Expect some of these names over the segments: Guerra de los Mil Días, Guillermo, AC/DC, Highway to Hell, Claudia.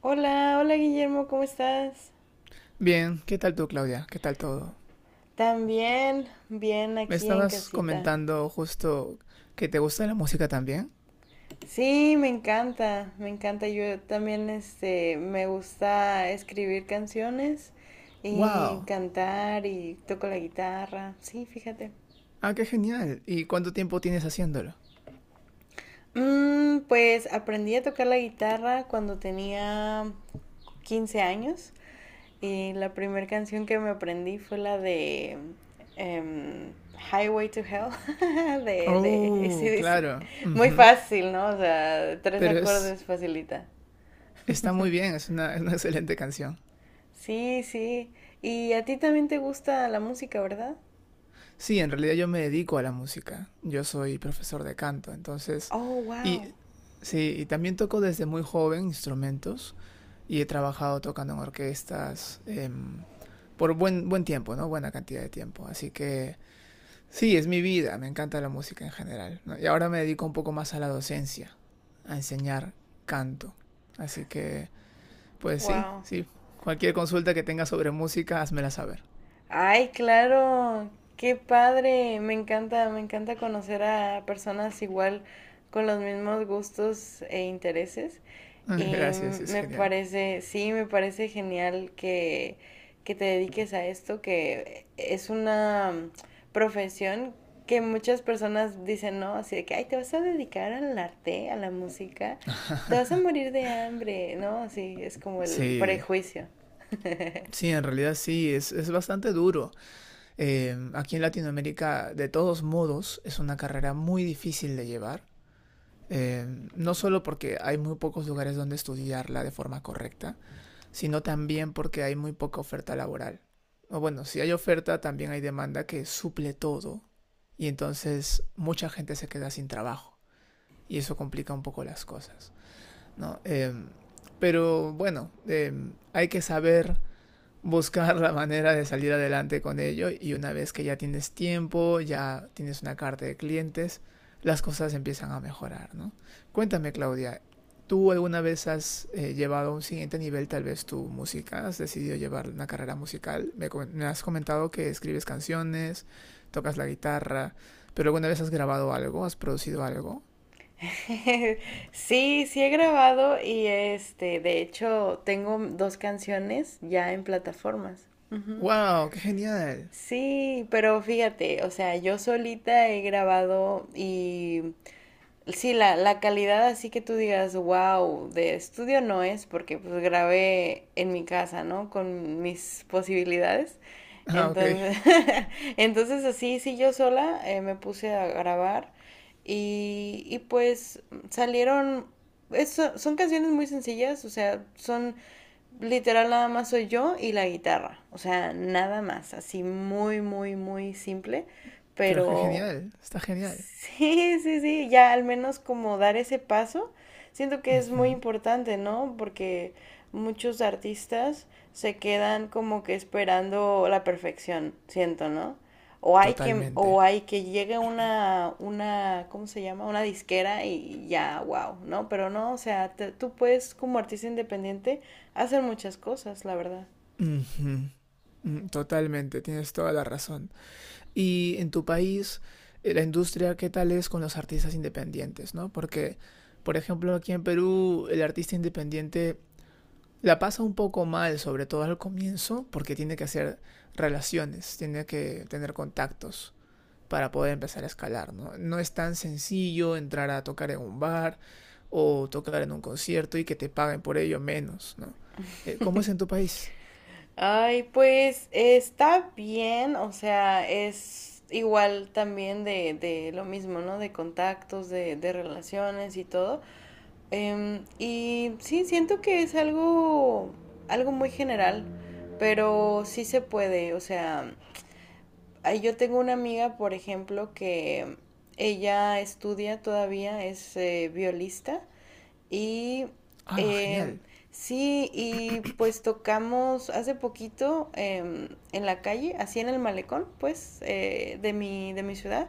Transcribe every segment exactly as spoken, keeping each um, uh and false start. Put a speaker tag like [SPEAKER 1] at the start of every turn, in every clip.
[SPEAKER 1] Hola, hola Guillermo, ¿cómo estás?
[SPEAKER 2] Bien, ¿qué tal tú, Claudia? ¿Qué tal todo?
[SPEAKER 1] También, bien
[SPEAKER 2] Me
[SPEAKER 1] aquí en
[SPEAKER 2] estabas
[SPEAKER 1] casita.
[SPEAKER 2] comentando justo que te gusta la música también.
[SPEAKER 1] Sí, me encanta, me encanta. Yo también, este, me gusta escribir canciones y
[SPEAKER 2] ¡Wow!
[SPEAKER 1] cantar y toco la guitarra. Sí, fíjate.
[SPEAKER 2] ¡Ah, qué genial! ¿Y cuánto tiempo tienes haciéndolo?
[SPEAKER 1] Mm, pues aprendí a tocar la guitarra cuando tenía quince años. Y la primera canción que me aprendí fue la de em, Highway to Hell de, de
[SPEAKER 2] Oh,
[SPEAKER 1] A C/D C.
[SPEAKER 2] claro.
[SPEAKER 1] Muy
[SPEAKER 2] Ujú.
[SPEAKER 1] fácil, ¿no? O sea, tres
[SPEAKER 2] Pero es,
[SPEAKER 1] acordes facilita.
[SPEAKER 2] Está muy bien, es una, es una excelente canción.
[SPEAKER 1] Sí, sí. Y a ti también te gusta la música, ¿verdad?
[SPEAKER 2] Sí, en realidad yo me dedico a la música. Yo soy profesor de canto, entonces...
[SPEAKER 1] Oh, wow.
[SPEAKER 2] Y sí, y también toco desde muy joven instrumentos. Y he trabajado tocando en orquestas eh, por buen, buen tiempo, ¿no? Buena cantidad de tiempo. Así que sí, es mi vida, me encanta la música en general, ¿no? Y ahora me dedico un poco más a la docencia, a enseñar canto. Así que, pues sí,
[SPEAKER 1] Wow.
[SPEAKER 2] sí. Cualquier consulta que tengas sobre música, házmela saber.
[SPEAKER 1] Ay, claro, qué padre. Me encanta, me encanta conocer a personas igual con los mismos gustos e intereses. Y
[SPEAKER 2] Gracias, es
[SPEAKER 1] me
[SPEAKER 2] genial.
[SPEAKER 1] parece, sí, me parece genial que, que te dediques a esto, que es una profesión que muchas personas dicen, no, así de que, ay, te vas a dedicar al arte, a la música, te vas a morir de hambre, ¿no? Así es como el
[SPEAKER 2] Sí,
[SPEAKER 1] prejuicio.
[SPEAKER 2] sí, en realidad sí, es, es bastante duro. Eh, aquí en Latinoamérica, de todos modos, es una carrera muy difícil de llevar, Eh, no solo porque hay muy pocos lugares donde estudiarla de forma correcta, sino también porque hay muy poca oferta laboral. O bueno, si hay oferta, también hay demanda que suple todo y entonces mucha gente se queda sin trabajo y eso complica un poco las cosas, ¿no? Eh, pero bueno, eh, hay que saber buscar la manera de salir adelante con ello y una vez que ya tienes tiempo, ya tienes una carta de clientes, las cosas empiezan a mejorar, ¿no? Cuéntame, Claudia, ¿tú alguna vez has eh, llevado a un siguiente nivel tal vez tu música? ¿Has decidido llevar una carrera musical? Me, me has comentado que escribes canciones, tocas la guitarra, pero alguna vez has grabado algo, has producido algo.
[SPEAKER 1] Sí, sí he grabado y este, de hecho, tengo dos canciones ya en plataformas.
[SPEAKER 2] ¡Wow! ¡Qué genial!
[SPEAKER 1] Sí, pero fíjate, o sea, yo solita he grabado y sí, la, la calidad así que tú digas, wow, de estudio no es, porque pues grabé en mi casa, ¿no? Con mis posibilidades.
[SPEAKER 2] Ah, ok.
[SPEAKER 1] Entonces, entonces así, sí, yo sola eh, me puse a grabar y, y pues salieron, eso, son canciones muy sencillas, o sea, son literal nada más soy yo y la guitarra, o sea, nada más, así muy, muy, muy simple,
[SPEAKER 2] Pero qué
[SPEAKER 1] pero
[SPEAKER 2] genial. Está genial.
[SPEAKER 1] sí, sí, sí, ya al menos como dar ese paso, siento que es muy
[SPEAKER 2] Ujú,
[SPEAKER 1] importante, ¿no? Porque muchos artistas se quedan como que esperando la perfección, siento, ¿no? O hay que, o
[SPEAKER 2] totalmente.
[SPEAKER 1] hay que llegue una, una, ¿cómo se llama? Una disquera y ya, wow, ¿no? Pero no, o sea, te- tú puedes como artista independiente hacer muchas cosas, la verdad.
[SPEAKER 2] Ujú. Mm, totalmente, tienes toda la razón. Y en tu país, eh, la industria, ¿qué tal es con los artistas independientes, ¿no? Porque, por ejemplo, aquí en Perú, el artista independiente la pasa un poco mal, sobre todo al comienzo, porque tiene que hacer relaciones, tiene que tener contactos para poder empezar a escalar, ¿no? No es tan sencillo entrar a tocar en un bar o tocar en un concierto y que te paguen por ello menos, ¿no? Eh, ¿Cómo es en tu país?
[SPEAKER 1] Ay, pues está bien, o sea, es igual también de, de lo mismo, ¿no? De contactos, de, de relaciones y todo. Em, y sí, siento que es algo, algo muy general, pero sí se puede, o sea, ahí yo tengo una amiga, por ejemplo, que ella estudia todavía, es eh, violista. Y
[SPEAKER 2] Ah,
[SPEAKER 1] em,
[SPEAKER 2] genial.
[SPEAKER 1] sí, y pues tocamos hace poquito em, en la calle, así en el malecón, pues, eh, de mi, de mi ciudad.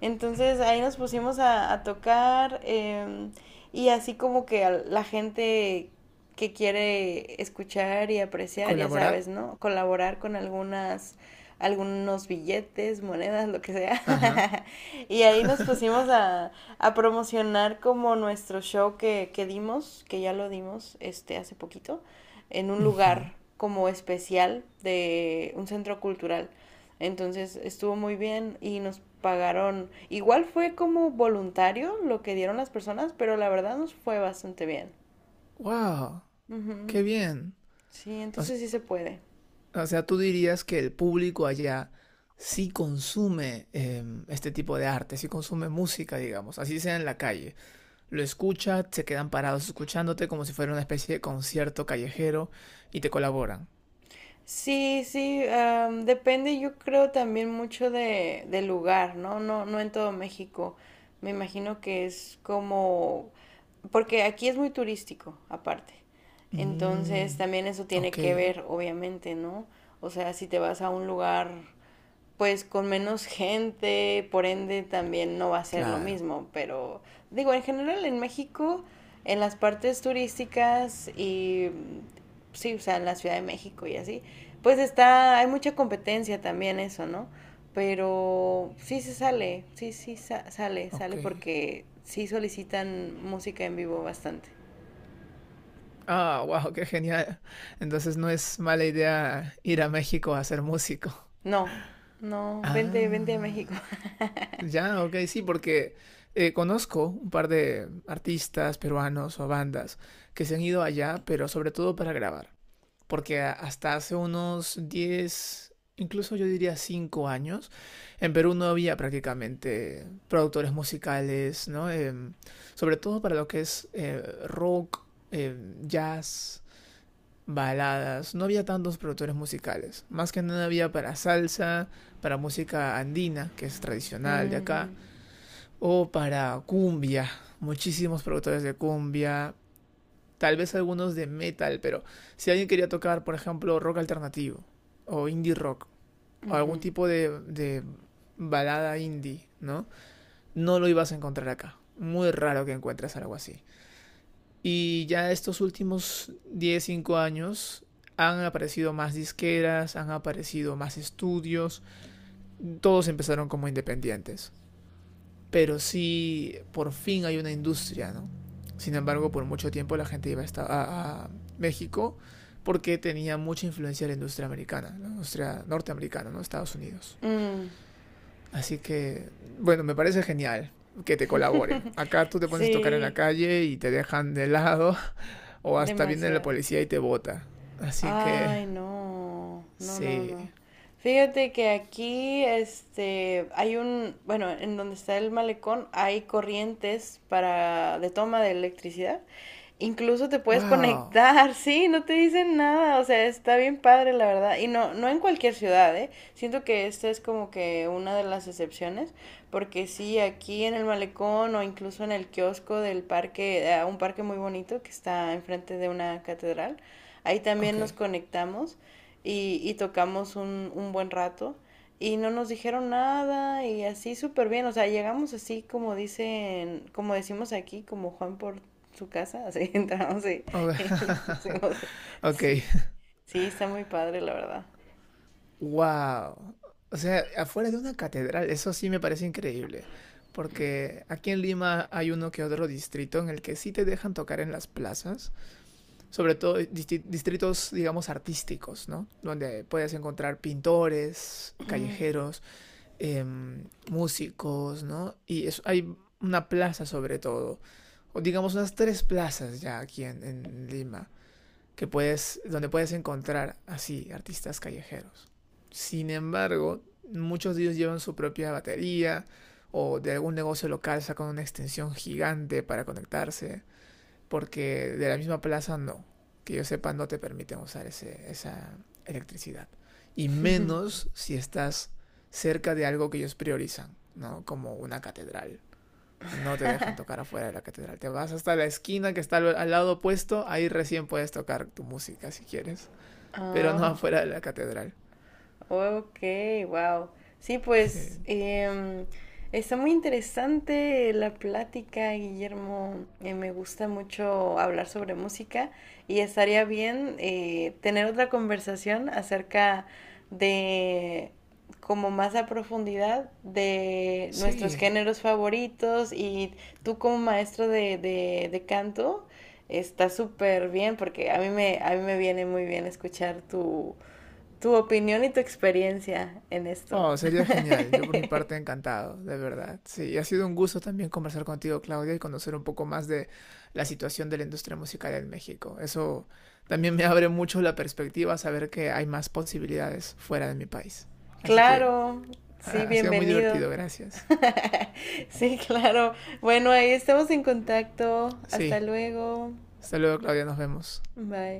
[SPEAKER 1] Entonces ahí nos pusimos a, a tocar em, y así como que a la gente que quiere escuchar y apreciar, ya sabes,
[SPEAKER 2] Colaborar.
[SPEAKER 1] ¿no? Colaborar con algunas, algunos billetes, monedas, lo que
[SPEAKER 2] Ajá.
[SPEAKER 1] sea. Y ahí nos pusimos a, a promocionar como nuestro show que, que dimos, que ya lo dimos este hace poquito, en un
[SPEAKER 2] Ujú.
[SPEAKER 1] lugar como especial de un centro cultural. Entonces estuvo muy bien y nos pagaron, igual fue como voluntario lo que dieron las personas, pero la verdad nos fue bastante bien.
[SPEAKER 2] Wow,
[SPEAKER 1] Ujú.
[SPEAKER 2] qué bien.
[SPEAKER 1] Sí,
[SPEAKER 2] O, s-
[SPEAKER 1] entonces sí se puede.
[SPEAKER 2] o sea, tú dirías que el público allá sí consume em, este tipo de arte, sí consume música, digamos, así sea en la calle. Lo escucha, se quedan parados escuchándote como si fuera una especie de concierto callejero y te colaboran.
[SPEAKER 1] Sí, sí, am, depende yo creo también mucho de, del lugar, ¿no? No, no en todo México. Me imagino que es como, porque aquí es muy turístico, aparte. Entonces
[SPEAKER 2] Mm,
[SPEAKER 1] también eso tiene
[SPEAKER 2] ok,
[SPEAKER 1] que ver, obviamente, ¿no? O sea, si te vas a un lugar pues con menos gente, por ende también no va a ser lo
[SPEAKER 2] claro,
[SPEAKER 1] mismo, pero digo, en general en México, en las partes turísticas y sí, o sea, en la Ciudad de México y así, pues está, hay mucha competencia también eso, ¿no? Pero sí se sale, sí, sí sa- sale,
[SPEAKER 2] ok.
[SPEAKER 1] sale porque sí solicitan música en vivo bastante.
[SPEAKER 2] Ah, wow, qué genial. Entonces no es mala idea ir a México a ser músico.
[SPEAKER 1] No, no, vente, vente a México.
[SPEAKER 2] Ah. Ya, ok, sí, porque eh, conozco un par de artistas peruanos o bandas que se han ido allá, pero sobre todo para grabar. Porque a- hasta hace unos diez, incluso yo diría cinco años, en Perú no había prácticamente productores musicales, ¿no? Em, sobre todo para lo que es eh, rock, em, jazz, baladas. No había tantos productores musicales. Más que nada había para salsa, para música andina, que es tradicional de
[SPEAKER 1] Mm,
[SPEAKER 2] acá o para cumbia. Muchísimos productores de cumbia. Tal vez algunos de metal, pero si alguien quería tocar, por ejemplo, rock alternativo. O indie rock. O
[SPEAKER 1] ujú.
[SPEAKER 2] algún tipo de, de balada indie, ¿no? No lo ibas a encontrar acá. Muy raro que encuentres algo así. Y ya estos últimos diez cinco años han aparecido más disqueras, han aparecido más estudios. Todos empezaron como independientes. Pero sí por fin hay una industria, ¿no? Sin embargo, por mucho tiempo la gente iba a, esta- a- a México porque tenía mucha influencia de la industria americana, la industria norteamericana, ¿no? Estados Unidos.
[SPEAKER 1] Mm,
[SPEAKER 2] Así que, bueno, me parece genial que te colaboren. Acá tú te pones a tocar en la
[SPEAKER 1] sí,
[SPEAKER 2] calle y te dejan de lado o hasta viene la
[SPEAKER 1] demasiado.
[SPEAKER 2] policía y te bota. Así que,
[SPEAKER 1] Ay, no, no, no,
[SPEAKER 2] sí.
[SPEAKER 1] no. Fíjate que aquí, este, hay un, bueno, en donde está el malecón hay corrientes para de toma de electricidad. Incluso te puedes
[SPEAKER 2] Wow.
[SPEAKER 1] conectar, sí, no te dicen nada, o sea, está bien padre, la verdad. Y no, no en cualquier ciudad, ¿eh? Siento que esta es como que una de las excepciones, porque sí, aquí en el malecón o incluso en el kiosco del parque, eh, un parque muy bonito que está enfrente de una catedral. Ahí también
[SPEAKER 2] Ok.
[SPEAKER 1] nos conectamos y, y tocamos un, un buen rato y no nos dijeron nada y así súper bien, o sea, llegamos así como dicen, como decimos aquí, como Juan por su casa, así entramos y,
[SPEAKER 2] Ok.
[SPEAKER 1] y nos pusimos.
[SPEAKER 2] Ok.
[SPEAKER 1] Sí, sí, está muy padre, la verdad.
[SPEAKER 2] Wow. O sea, afuera de una catedral, eso sí me parece increíble. Porque aquí en Lima hay uno que otro distrito en el que sí te dejan tocar en las plazas, sobre todo disti- distritos, digamos, artísticos, ¿no? Donde puedes encontrar pintores, callejeros, em, músicos, ¿no? Y es- hay una plaza sobre todo, o digamos unas tres plazas ya aquí en en Lima que puedes, donde puedes encontrar así artistas callejeros. Sin embargo, muchos de ellos llevan su propia batería o de algún negocio local sacan una extensión gigante para conectarse, porque de la misma plaza no, que yo sepa no te permiten usar ese, esa electricidad. Y menos si estás cerca de algo que ellos priorizan, ¿no? Como una catedral no te dejan tocar afuera de la catedral. Te vas hasta la esquina que está al lado opuesto, ahí recién puedes tocar tu música si quieres, pero no
[SPEAKER 1] Ah.
[SPEAKER 2] afuera de la catedral.
[SPEAKER 1] Ok, wow. Sí, pues
[SPEAKER 2] Sí.
[SPEAKER 1] em, está muy interesante la plática, Guillermo. Eh, me gusta mucho hablar sobre música y estaría bien eh, tener otra conversación acerca de, como más a profundidad, de nuestros
[SPEAKER 2] Sí.
[SPEAKER 1] géneros favoritos y tú como maestro de, de, de canto. Está súper bien porque a mí me, a mí me viene muy bien escuchar tu, tu opinión y tu experiencia en esto.
[SPEAKER 2] Oh, sería genial. Yo por mi parte encantado, de verdad. Sí, ha sido un gusto también conversar contigo, Claudia, y conocer un poco más de la situación de la industria musical en México. Eso también me abre mucho la perspectiva, saber que hay más posibilidades fuera de mi país. Así que
[SPEAKER 1] Claro, sí,
[SPEAKER 2] ha sido muy
[SPEAKER 1] bienvenido.
[SPEAKER 2] divertido, gracias.
[SPEAKER 1] Sí, claro. Bueno, ahí estamos en contacto. Hasta
[SPEAKER 2] Sí,
[SPEAKER 1] luego.
[SPEAKER 2] hasta luego, Claudia, nos vemos.
[SPEAKER 1] Bye.